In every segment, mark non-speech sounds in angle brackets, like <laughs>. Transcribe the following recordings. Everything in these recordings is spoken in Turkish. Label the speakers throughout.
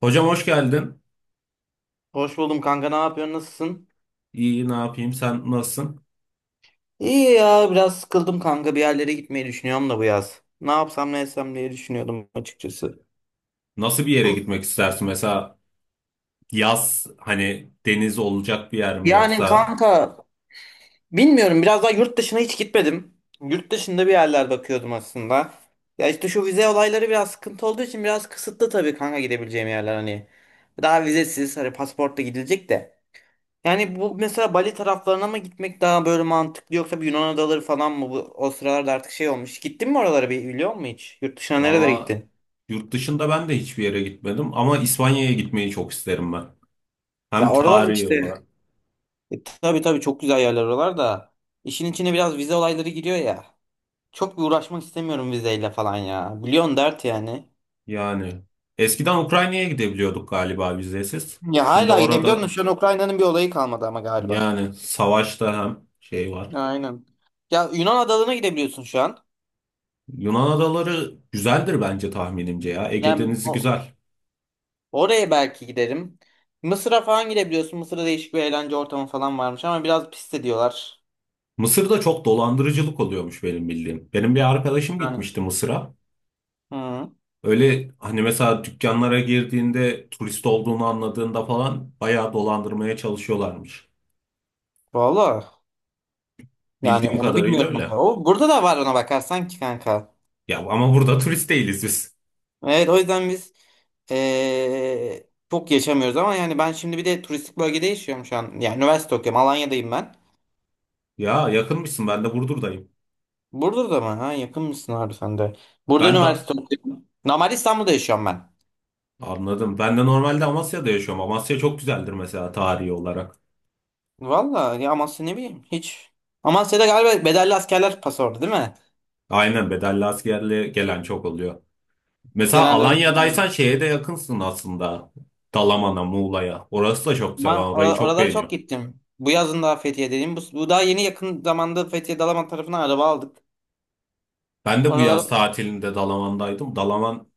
Speaker 1: Hocam hoş geldin.
Speaker 2: Hoş buldum kanka. Ne yapıyorsun? Nasılsın?
Speaker 1: İyi ne yapayım? Sen nasılsın?
Speaker 2: İyi ya. Biraz sıkıldım kanka. Bir yerlere gitmeyi düşünüyorum da bu yaz. Ne yapsam ne etsem diye düşünüyordum açıkçası.
Speaker 1: Nasıl bir yere gitmek istersin? Mesela yaz hani deniz olacak bir yer mi
Speaker 2: Yani
Speaker 1: yoksa
Speaker 2: kanka bilmiyorum. Biraz daha yurt dışına hiç gitmedim. Yurt dışında bir yerler bakıyordum aslında. Ya işte şu vize olayları biraz sıkıntı olduğu için biraz kısıtlı tabii kanka gidebileceğim yerler hani. Daha vizesiz hani pasaportla gidilecek de. Yani bu mesela Bali taraflarına mı gitmek daha böyle mantıklı, yoksa bir Yunan adaları falan mı, bu o sıralarda artık şey olmuş. Gittin mi oralara, bir biliyor musun hiç? Yurt dışına nerelere
Speaker 1: valla
Speaker 2: gittin?
Speaker 1: yurt dışında ben de hiçbir yere gitmedim ama İspanya'ya gitmeyi çok isterim ben. Hem
Speaker 2: Ya oralar da
Speaker 1: tarihi
Speaker 2: işte,
Speaker 1: olarak
Speaker 2: tabii tabii, çok güzel yerler oralar da. İşin içine biraz vize olayları giriyor ya. Çok bir uğraşmak istemiyorum vizeyle falan ya. Biliyorsun, dert yani.
Speaker 1: yani eskiden Ukrayna'ya gidebiliyorduk galiba vizesiz.
Speaker 2: Ya
Speaker 1: Şimdi
Speaker 2: hala gidebiliyorsun da,
Speaker 1: orada
Speaker 2: şu an Ukrayna'nın bir olayı kalmadı ama galiba.
Speaker 1: yani savaşta hem şey var.
Speaker 2: Aynen. Ya Yunan adalarına gidebiliyorsun şu an.
Speaker 1: Yunan adaları güzeldir bence tahminimce ya. Ege
Speaker 2: Yani
Speaker 1: Denizi
Speaker 2: o.
Speaker 1: güzel.
Speaker 2: Oraya belki giderim. Mısır'a falan gidebiliyorsun. Mısır'da değişik bir eğlence ortamı falan varmış ama biraz pis de diyorlar.
Speaker 1: Mısır'da çok dolandırıcılık oluyormuş benim bildiğim. Benim bir arkadaşım
Speaker 2: Yani.
Speaker 1: gitmişti Mısır'a.
Speaker 2: Hı.
Speaker 1: Öyle hani mesela dükkanlara girdiğinde turist olduğunu anladığında falan bayağı dolandırmaya çalışıyorlarmış.
Speaker 2: Valla. Yani
Speaker 1: Bildiğim
Speaker 2: onu
Speaker 1: kadarıyla
Speaker 2: bilmiyorum. O
Speaker 1: öyle.
Speaker 2: kadar. O, burada da var ona bakarsan ki kanka.
Speaker 1: Ya ama burada <laughs> turist değiliz biz.
Speaker 2: Evet, o yüzden biz çok yaşamıyoruz ama yani ben şimdi bir de turistik bölgede yaşıyorum şu an. Yani üniversite okuyorum. Alanya'dayım ben.
Speaker 1: Ya yakınmışsın, ben de Burdur'dayım.
Speaker 2: Burada mı? Ha, yakın mısın abi sen de? Burada
Speaker 1: Ben de
Speaker 2: üniversite okuyorum. Normal İstanbul'da yaşıyorum ben.
Speaker 1: anladım. Ben de normalde Amasya'da yaşıyorum. Amasya çok güzeldir mesela tarihi olarak.
Speaker 2: Valla ya, Amasya, ne bileyim hiç. Amasya'da galiba bedelli askerler pası orada değil mi?
Speaker 1: Aynen, bedelli askerle gelen çok oluyor. Mesela
Speaker 2: Genelde öyle,
Speaker 1: Alanya'daysan
Speaker 2: bilmiyorum.
Speaker 1: şeye de yakınsın aslında. Dalaman'a, Muğla'ya. Orası da çok güzel. Ben
Speaker 2: Ama
Speaker 1: orayı çok
Speaker 2: oralara çok
Speaker 1: beğeniyorum.
Speaker 2: gittim. Bu yazın daha Fethiye dedim. Bu daha yeni, yakın zamanda Fethiye Dalaman tarafına araba aldık.
Speaker 1: Ben de bu yaz
Speaker 2: Oralara
Speaker 1: tatilinde Dalaman'daydım. Dalaman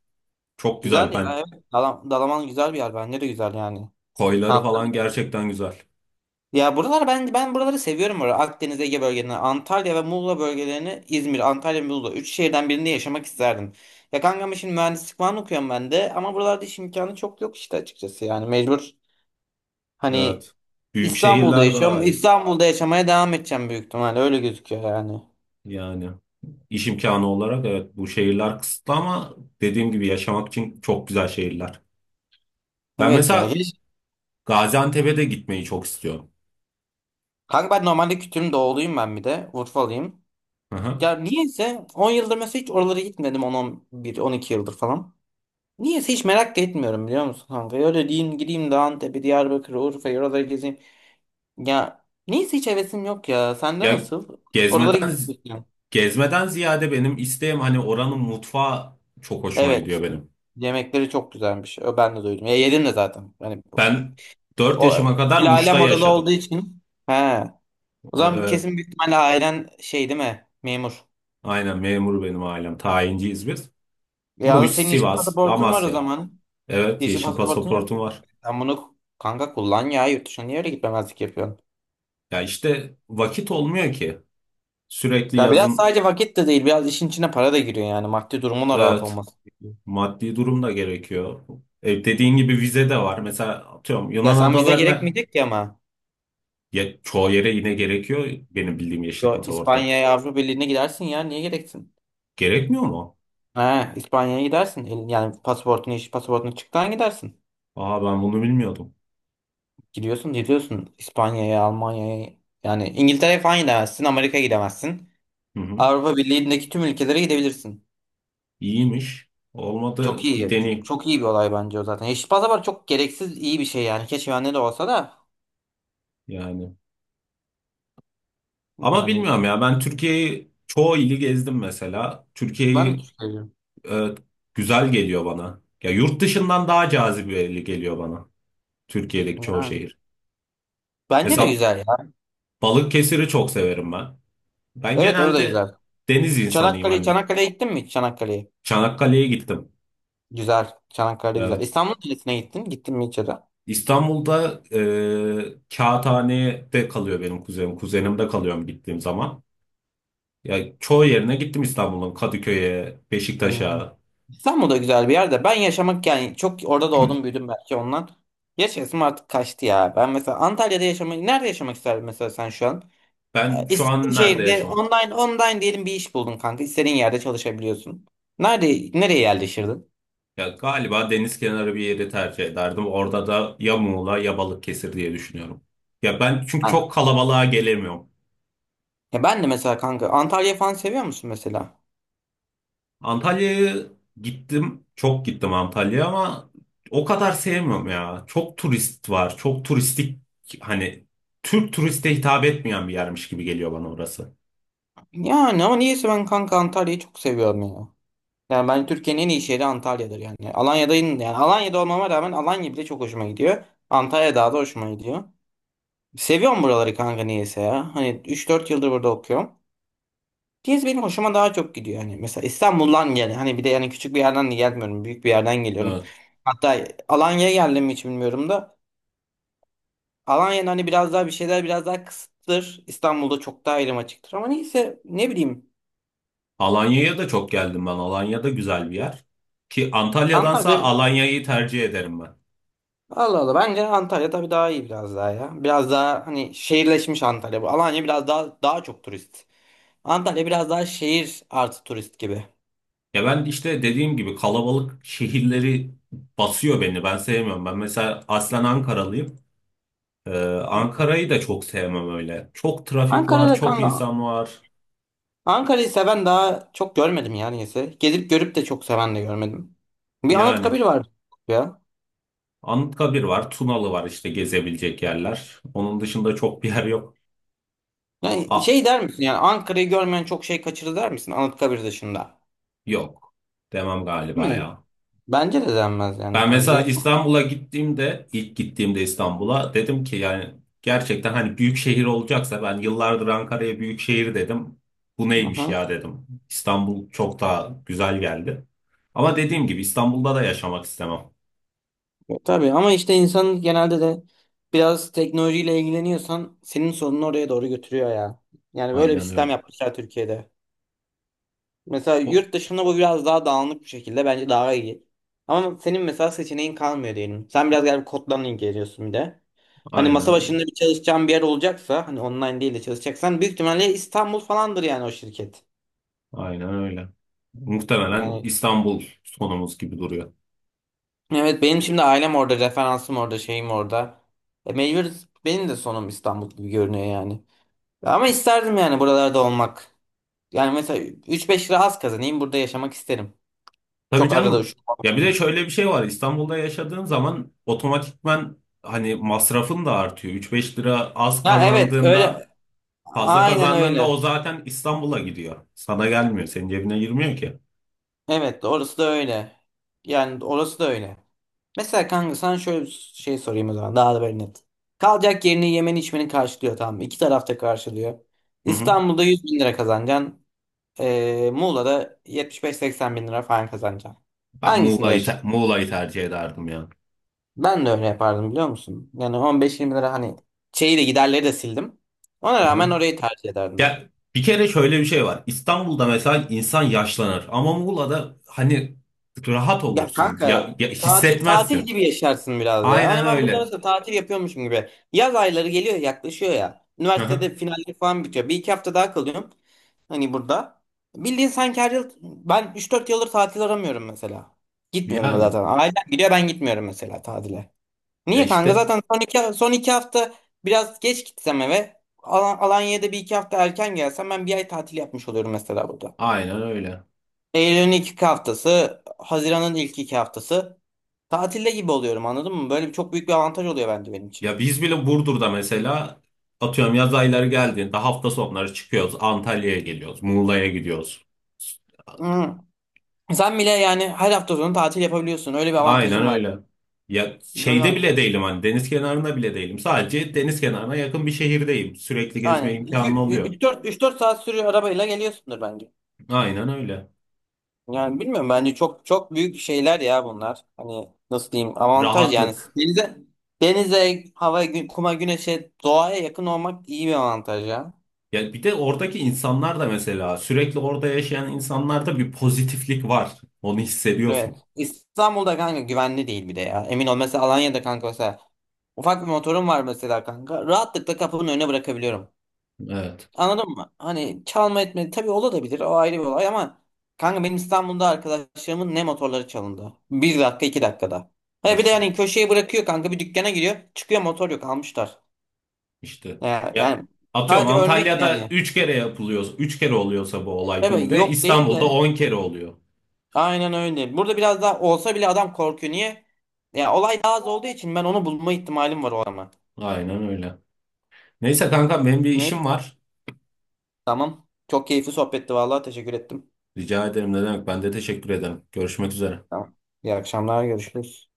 Speaker 1: çok
Speaker 2: güzel
Speaker 1: güzel.
Speaker 2: ya.
Speaker 1: Ben
Speaker 2: Evet. Dalaman güzel bir yer. Bence de güzel yani.
Speaker 1: koyları
Speaker 2: Tatlı
Speaker 1: falan
Speaker 2: bir yer.
Speaker 1: gerçekten güzel.
Speaker 2: Ya buralar, ben buraları seviyorum. Burada. Akdeniz Ege bölgelerini, Antalya ve Muğla bölgelerini, İzmir, Antalya, Muğla. Üç şehirden birinde yaşamak isterdim. Ya kankam, şimdi mühendislik falan okuyorum ben de. Ama buralarda iş imkanı çok yok işte, açıkçası. Yani mecbur. Hani
Speaker 1: Evet. Büyük
Speaker 2: İstanbul'da
Speaker 1: şehirler
Speaker 2: yaşıyorum.
Speaker 1: daha iyi.
Speaker 2: İstanbul'da yaşamaya devam edeceğim büyük ihtimalle. Öyle gözüküyor yani.
Speaker 1: Yani iş imkanı olarak evet bu şehirler kısıtlı ama dediğim gibi yaşamak için çok güzel şehirler. Ben
Speaker 2: Evet ya.
Speaker 1: mesela
Speaker 2: Hiç.
Speaker 1: Gaziantep'e de gitmeyi çok istiyorum.
Speaker 2: Kanka ben normalde Kütüm doğuluyum ben bir de. Urfalıyım.
Speaker 1: Hı hı.
Speaker 2: Ya niyeyse 10 yıldır mesela hiç oralara gitmedim. On, on bir, on iki yıldır falan. Niyeyse hiç merak da etmiyorum, biliyor musun kanka? Öyle diyeyim, gideyim de Antep'i, Diyarbakır'ı, Urfa'yı, oraları gezeyim. Ya niyeyse hiç hevesim yok ya. Sende
Speaker 1: Ya
Speaker 2: nasıl? Oralara
Speaker 1: gezmeden
Speaker 2: gitmek mi istiyorsun?
Speaker 1: Gezmeden ziyade benim isteğim hani oranın mutfağı çok hoşuma
Speaker 2: Evet.
Speaker 1: gidiyor benim.
Speaker 2: Yemekleri çok güzelmiş. Ben de duydum. Ya yedim de zaten. Hani,
Speaker 1: Ben 4
Speaker 2: o
Speaker 1: yaşıma kadar Muş'ta
Speaker 2: sülalem oralı
Speaker 1: yaşadım.
Speaker 2: olduğu için. He. O zaman
Speaker 1: Evet.
Speaker 2: kesin, büyük ihtimalle ailen şey değil mi, memur?
Speaker 1: Aynen memur benim ailem. Tayinciyiz biz.
Speaker 2: Ya da
Speaker 1: Muş,
Speaker 2: senin yeşil
Speaker 1: Sivas,
Speaker 2: pasaportun var o
Speaker 1: Amasya.
Speaker 2: zaman.
Speaker 1: Evet,
Speaker 2: Yeşil
Speaker 1: yeşil
Speaker 2: pasaportun yok.
Speaker 1: pasaportum var.
Speaker 2: Sen bunu kanka kullan ya, yurt dışına niye öyle gitmemezlik yapıyorsun?
Speaker 1: Ya işte vakit olmuyor ki. Sürekli
Speaker 2: Ya biraz
Speaker 1: yazın
Speaker 2: sadece vakit de değil, biraz işin içine para da giriyor yani, maddi durumun da rahat
Speaker 1: evet
Speaker 2: olması gerekiyor.
Speaker 1: maddi durum da gerekiyor. E, dediğin gibi vize de var. Mesela atıyorum
Speaker 2: Ya
Speaker 1: Yunan
Speaker 2: sen, vize
Speaker 1: adalarına
Speaker 2: gerekmeyecek ki ama.
Speaker 1: ya, çoğu yere yine gerekiyor benim bildiğim yeşil
Speaker 2: Yo,
Speaker 1: pasaportta.
Speaker 2: İspanya'ya, Avrupa Birliği'ne gidersin ya, niye gereksin?
Speaker 1: Gerekmiyor mu?
Speaker 2: He, İspanya'ya gidersin. Yani pasaportun, yeşil pasaportun çıktığı an gidersin.
Speaker 1: Aa, ben bunu bilmiyordum.
Speaker 2: Gidiyorsun, gidiyorsun İspanya'ya, Almanya'ya, yani İngiltere'ye falan gidemezsin, Amerika'ya gidemezsin.
Speaker 1: Hı hı.
Speaker 2: Avrupa Birliği'ndeki tüm ülkelere gidebilirsin.
Speaker 1: İyiymiş.
Speaker 2: Çok
Speaker 1: Olmadı bir
Speaker 2: iyi. Çok,
Speaker 1: deneyim
Speaker 2: çok iyi bir olay bence o zaten. Yeşil pasaport çok gereksiz iyi bir şey yani. Keşke bende de olsa da
Speaker 1: yani. Ama
Speaker 2: yani,
Speaker 1: bilmiyorum ya, ben Türkiye'yi çoğu ili gezdim mesela.
Speaker 2: ben de
Speaker 1: Türkiye'yi
Speaker 2: düşünüyorum.
Speaker 1: e, güzel geliyor bana. Ya yurt dışından daha cazibeli geliyor bana. Türkiye'deki çoğu
Speaker 2: Yani,
Speaker 1: şehir.
Speaker 2: bence de
Speaker 1: Mesela
Speaker 2: güzel ya.
Speaker 1: Balıkesir'i çok severim ben. Ben
Speaker 2: Evet, orada
Speaker 1: genelde
Speaker 2: güzel.
Speaker 1: deniz insanıyım
Speaker 2: Çanakkale,
Speaker 1: hani.
Speaker 2: Çanakkale'ye gittin mi hiç? Çanakkale'ye.
Speaker 1: Çanakkale'ye gittim.
Speaker 2: Güzel. Çanakkale güzel.
Speaker 1: Evet.
Speaker 2: İstanbul Kalesi'ne gittin. Gittin mi hiç, ya da?
Speaker 1: İstanbul'da Kağıthane'de kalıyor benim kuzenim. Kuzenimde kalıyorum gittiğim zaman. Ya çoğu yerine gittim İstanbul'un. Kadıköy'e,
Speaker 2: Hı.
Speaker 1: Beşiktaş'a.
Speaker 2: İstanbul da güzel bir yer de, ben yaşamak yani çok, orada doğdum büyüdüm belki ondan. Yaşasım artık kaçtı ya. Ben mesela Antalya'da yaşamak, nerede yaşamak isterdin mesela sen şu an?
Speaker 1: Ben şu
Speaker 2: İstediğin
Speaker 1: an nerede
Speaker 2: şehirde,
Speaker 1: yaşıyorum?
Speaker 2: online online diyelim, bir iş buldun kanka. İstediğin yerde çalışabiliyorsun. Nerede, nereye yerleşirdin?
Speaker 1: Ya galiba deniz kenarı bir yeri tercih ederdim. Orada da ya Muğla ya Balıkesir diye düşünüyorum. Ya ben çünkü
Speaker 2: Ha.
Speaker 1: çok kalabalığa gelemiyorum.
Speaker 2: Ya ben de mesela kanka, Antalya falan seviyor musun mesela?
Speaker 1: Antalya'ya gittim. Çok gittim Antalya'ya ama o kadar sevmiyorum ya. Çok turist var. Çok turistik, hani Türk turiste hitap etmeyen bir yermiş gibi geliyor bana orası.
Speaker 2: Yani ama niyeyse ben kanka Antalya'yı çok seviyorum ya. Yani ben, Türkiye'nin en iyi şehri Antalya'dır yani. Alanya'dayım yani, Alanya'da olmama rağmen Alanya bile çok hoşuma gidiyor. Antalya daha da hoşuma gidiyor. Seviyorum buraları kanka niyeyse ya. Hani üç dört yıldır burada okuyorum. Diyez benim hoşuma daha çok gidiyor. Hani mesela İstanbul'dan gel. Hani bir de, yani küçük bir yerden de gelmiyorum. Büyük bir yerden geliyorum.
Speaker 1: Evet.
Speaker 2: Hatta Alanya'ya geldim mi hiç bilmiyorum da. Alanya'nın hani, biraz daha bir şeyler biraz daha kısıttır. İstanbul'da çok daha elim açıktır. Ama neyse, ne bileyim.
Speaker 1: Alanya'ya da çok geldim ben. Alanya'da güzel bir yer. Ki Antalya'dansa
Speaker 2: Antalya,
Speaker 1: Alanya'yı tercih ederim ben.
Speaker 2: Allah Allah, bence Antalya tabii daha iyi, biraz daha ya. Biraz daha hani şehirleşmiş Antalya. Bu Alanya biraz daha çok turist. Antalya biraz daha şehir artı turist gibi.
Speaker 1: Ya ben işte dediğim gibi kalabalık şehirleri basıyor beni. Ben sevmiyorum. Ben mesela aslen Ankaralıyım. Ee, Ankara'yı da çok sevmem öyle. Çok trafik var, çok
Speaker 2: Kanka,
Speaker 1: insan var.
Speaker 2: Ankara'yı seven daha çok görmedim ya niyeyse. Gezip görüp de çok seven de görmedim. Bir
Speaker 1: Yani
Speaker 2: Anıtkabir var ya.
Speaker 1: Anıtkabir var, Tunalı var işte gezebilecek yerler. Onun dışında çok bir yer yok.
Speaker 2: Yani
Speaker 1: A
Speaker 2: şey, der misin yani, Ankara'yı görmeyen çok şey kaçırır, der misin Anıtkabir dışında
Speaker 1: yok, demem galiba
Speaker 2: mi?
Speaker 1: ya.
Speaker 2: Bence de denmez yani.
Speaker 1: Ben
Speaker 2: Yani.
Speaker 1: mesela İstanbul'a gittiğimde, ilk gittiğimde İstanbul'a dedim ki yani gerçekten hani büyük şehir olacaksa, ben yıllardır Ankara'ya büyük şehir dedim. Bu neymiş
Speaker 2: Aha.
Speaker 1: ya dedim. İstanbul çok daha güzel geldi. Ama dediğim gibi İstanbul'da da yaşamak istemem.
Speaker 2: Tabii ama işte insan, genelde de biraz teknolojiyle ilgileniyorsan, senin sorununu oraya doğru götürüyor ya. Yani böyle bir
Speaker 1: Aynen
Speaker 2: sistem
Speaker 1: öyle.
Speaker 2: yapmışlar Türkiye'de. Mesela
Speaker 1: O,
Speaker 2: yurt dışında bu biraz daha dağınık bir şekilde, bence daha iyi. Ama senin mesela seçeneğin kalmıyor diyelim. Sen biraz galiba kodlarla ilgileniyorsun bir de. Hani masa
Speaker 1: aynen öyle.
Speaker 2: başında bir çalışacağın bir yer olacaksa, hani online değil de çalışacaksan, büyük ihtimalle İstanbul falandır yani o şirket.
Speaker 1: Aynen öyle. Muhtemelen
Speaker 2: Yani
Speaker 1: İstanbul sonumuz gibi duruyor.
Speaker 2: evet, benim şimdi ailem orada, referansım orada, şeyim orada. Mecbur benim de sonum İstanbul gibi görünüyor yani. Ama isterdim yani buralarda olmak. Yani mesela üç beş lira az kazanayım, burada yaşamak isterim.
Speaker 1: Tabii
Speaker 2: Çok arada
Speaker 1: canım.
Speaker 2: uçurmam
Speaker 1: Ya bir de
Speaker 2: lazım.
Speaker 1: şöyle bir şey var. İstanbul'da yaşadığın zaman otomatikman hani masrafın da artıyor. Üç beş lira az
Speaker 2: Ya evet,
Speaker 1: kazandığında,
Speaker 2: öyle.
Speaker 1: fazla
Speaker 2: Aynen
Speaker 1: kazandığında
Speaker 2: öyle.
Speaker 1: o zaten İstanbul'a gidiyor. Sana gelmiyor. Senin cebine girmiyor ki.
Speaker 2: Evet, orası da öyle. Yani orası da öyle. Mesela kanka sana şöyle bir şey sorayım o zaman, daha da böyle net. Kalacak yerini, yemeni, içmeni karşılıyor, tamam mı? İki tarafta karşılıyor.
Speaker 1: Hı hı.
Speaker 2: İstanbul'da 100 bin lira kazanacaksın. Muğla'da 75-80 bin lira falan kazanacaksın.
Speaker 1: Ben
Speaker 2: Hangisinde yaşarsın?
Speaker 1: Muğla'yı tercih ederdim ya.
Speaker 2: Ben de öyle yapardım, biliyor musun? Yani 15-20 lira hani, şeyi de giderleri de sildim. Ona
Speaker 1: Hı
Speaker 2: rağmen
Speaker 1: hı.
Speaker 2: orayı tercih ederdim.
Speaker 1: Ya bir kere şöyle bir şey var. İstanbul'da mesela insan yaşlanır ama Muğla'da hani rahat
Speaker 2: Ya
Speaker 1: olursun.
Speaker 2: kanka
Speaker 1: Ya, ya
Speaker 2: tatil tatil
Speaker 1: hissetmezsin.
Speaker 2: gibi yaşarsın biraz ya.
Speaker 1: Aynen
Speaker 2: Hani ben burada
Speaker 1: öyle.
Speaker 2: mesela tatil yapıyormuşum gibi. Yaz ayları geliyor, yaklaşıyor ya.
Speaker 1: Hı hı.
Speaker 2: Üniversitede finaller falan bitiyor. Bir iki hafta daha kalıyorum. Hani burada. Bildiğin sanki her yıl ben, üç dört yıldır tatil aramıyorum mesela. Gitmiyorum da
Speaker 1: Yani
Speaker 2: zaten. Ailem gidiyor, ben gitmiyorum mesela tatile.
Speaker 1: ya
Speaker 2: Niye kanka?
Speaker 1: işte
Speaker 2: Zaten son iki hafta biraz geç gitsem eve. Alanya'da bir iki hafta erken gelsem, ben bir ay tatil yapmış oluyorum mesela burada.
Speaker 1: aynen öyle.
Speaker 2: Eylül'ün ilk iki haftası, Haziran'ın ilk iki haftası. Tatilde gibi oluyorum, anladın mı? Böyle bir, çok büyük bir avantaj oluyor bence benim için.
Speaker 1: Ya biz bile Burdur'da mesela atıyorum yaz ayları geldiğinde hafta sonları çıkıyoruz. Antalya'ya geliyoruz. Muğla'ya gidiyoruz.
Speaker 2: Hmm. Sen bile yani her hafta sonu tatil yapabiliyorsun. Öyle bir
Speaker 1: Aynen
Speaker 2: avantajın var.
Speaker 1: öyle. Ya
Speaker 2: Böyle,
Speaker 1: şeyde bile değilim, hani deniz kenarında bile değilim. Sadece deniz kenarına yakın bir şehirdeyim. Sürekli gezme
Speaker 2: aynen,
Speaker 1: imkanı oluyor.
Speaker 2: 3-4 saat sürüyor arabayla geliyorsundur bence.
Speaker 1: Aynen öyle.
Speaker 2: Yani bilmiyorum, bence çok çok büyük şeyler ya bunlar. Hani nasıl diyeyim, avantaj yani,
Speaker 1: Rahatlık.
Speaker 2: denize, hava, kuma, güneşe, doğaya yakın olmak iyi bir avantaj ya.
Speaker 1: Ya bir de oradaki insanlar da mesela, sürekli orada yaşayan insanlarda bir pozitiflik var. Onu
Speaker 2: Evet.
Speaker 1: hissediyorsun.
Speaker 2: İstanbul'da kanka güvenli değil bir de ya. Emin ol, mesela Alanya'da kanka, mesela ufak bir motorum var mesela kanka. Rahatlıkla kapının önüne bırakabiliyorum.
Speaker 1: Evet.
Speaker 2: Anladın mı? Hani çalma etme tabii olabilir, o ayrı bir olay ama, kanka benim İstanbul'da arkadaşlarımın ne motorları çalındı. Bir dakika iki dakikada. He, bir de
Speaker 1: İşte.
Speaker 2: yani köşeye bırakıyor kanka, bir dükkana giriyor çıkıyor, motor yok, almışlar.
Speaker 1: İşte ya
Speaker 2: Yani,
Speaker 1: atıyorum
Speaker 2: sadece örnek
Speaker 1: Antalya'da
Speaker 2: yani.
Speaker 1: 3 kere yapılıyor. Üç kere oluyorsa bu olay,
Speaker 2: Tabii
Speaker 1: günde
Speaker 2: yok değil
Speaker 1: İstanbul'da
Speaker 2: de.
Speaker 1: 10 kere oluyor.
Speaker 2: Aynen öyle. Burada biraz daha olsa bile adam korkuyor. Niye? Ya olay daha az olduğu için ben onu bulma ihtimalim var o, ama.
Speaker 1: Aynen öyle. Neyse kanka benim bir
Speaker 2: Neyse,
Speaker 1: işim var.
Speaker 2: tamam. Çok keyifli sohbetti vallahi, teşekkür ettim.
Speaker 1: Rica ederim, ne demek. Ben de teşekkür ederim. Görüşmek üzere.
Speaker 2: Tamam. İyi akşamlar, görüşürüz.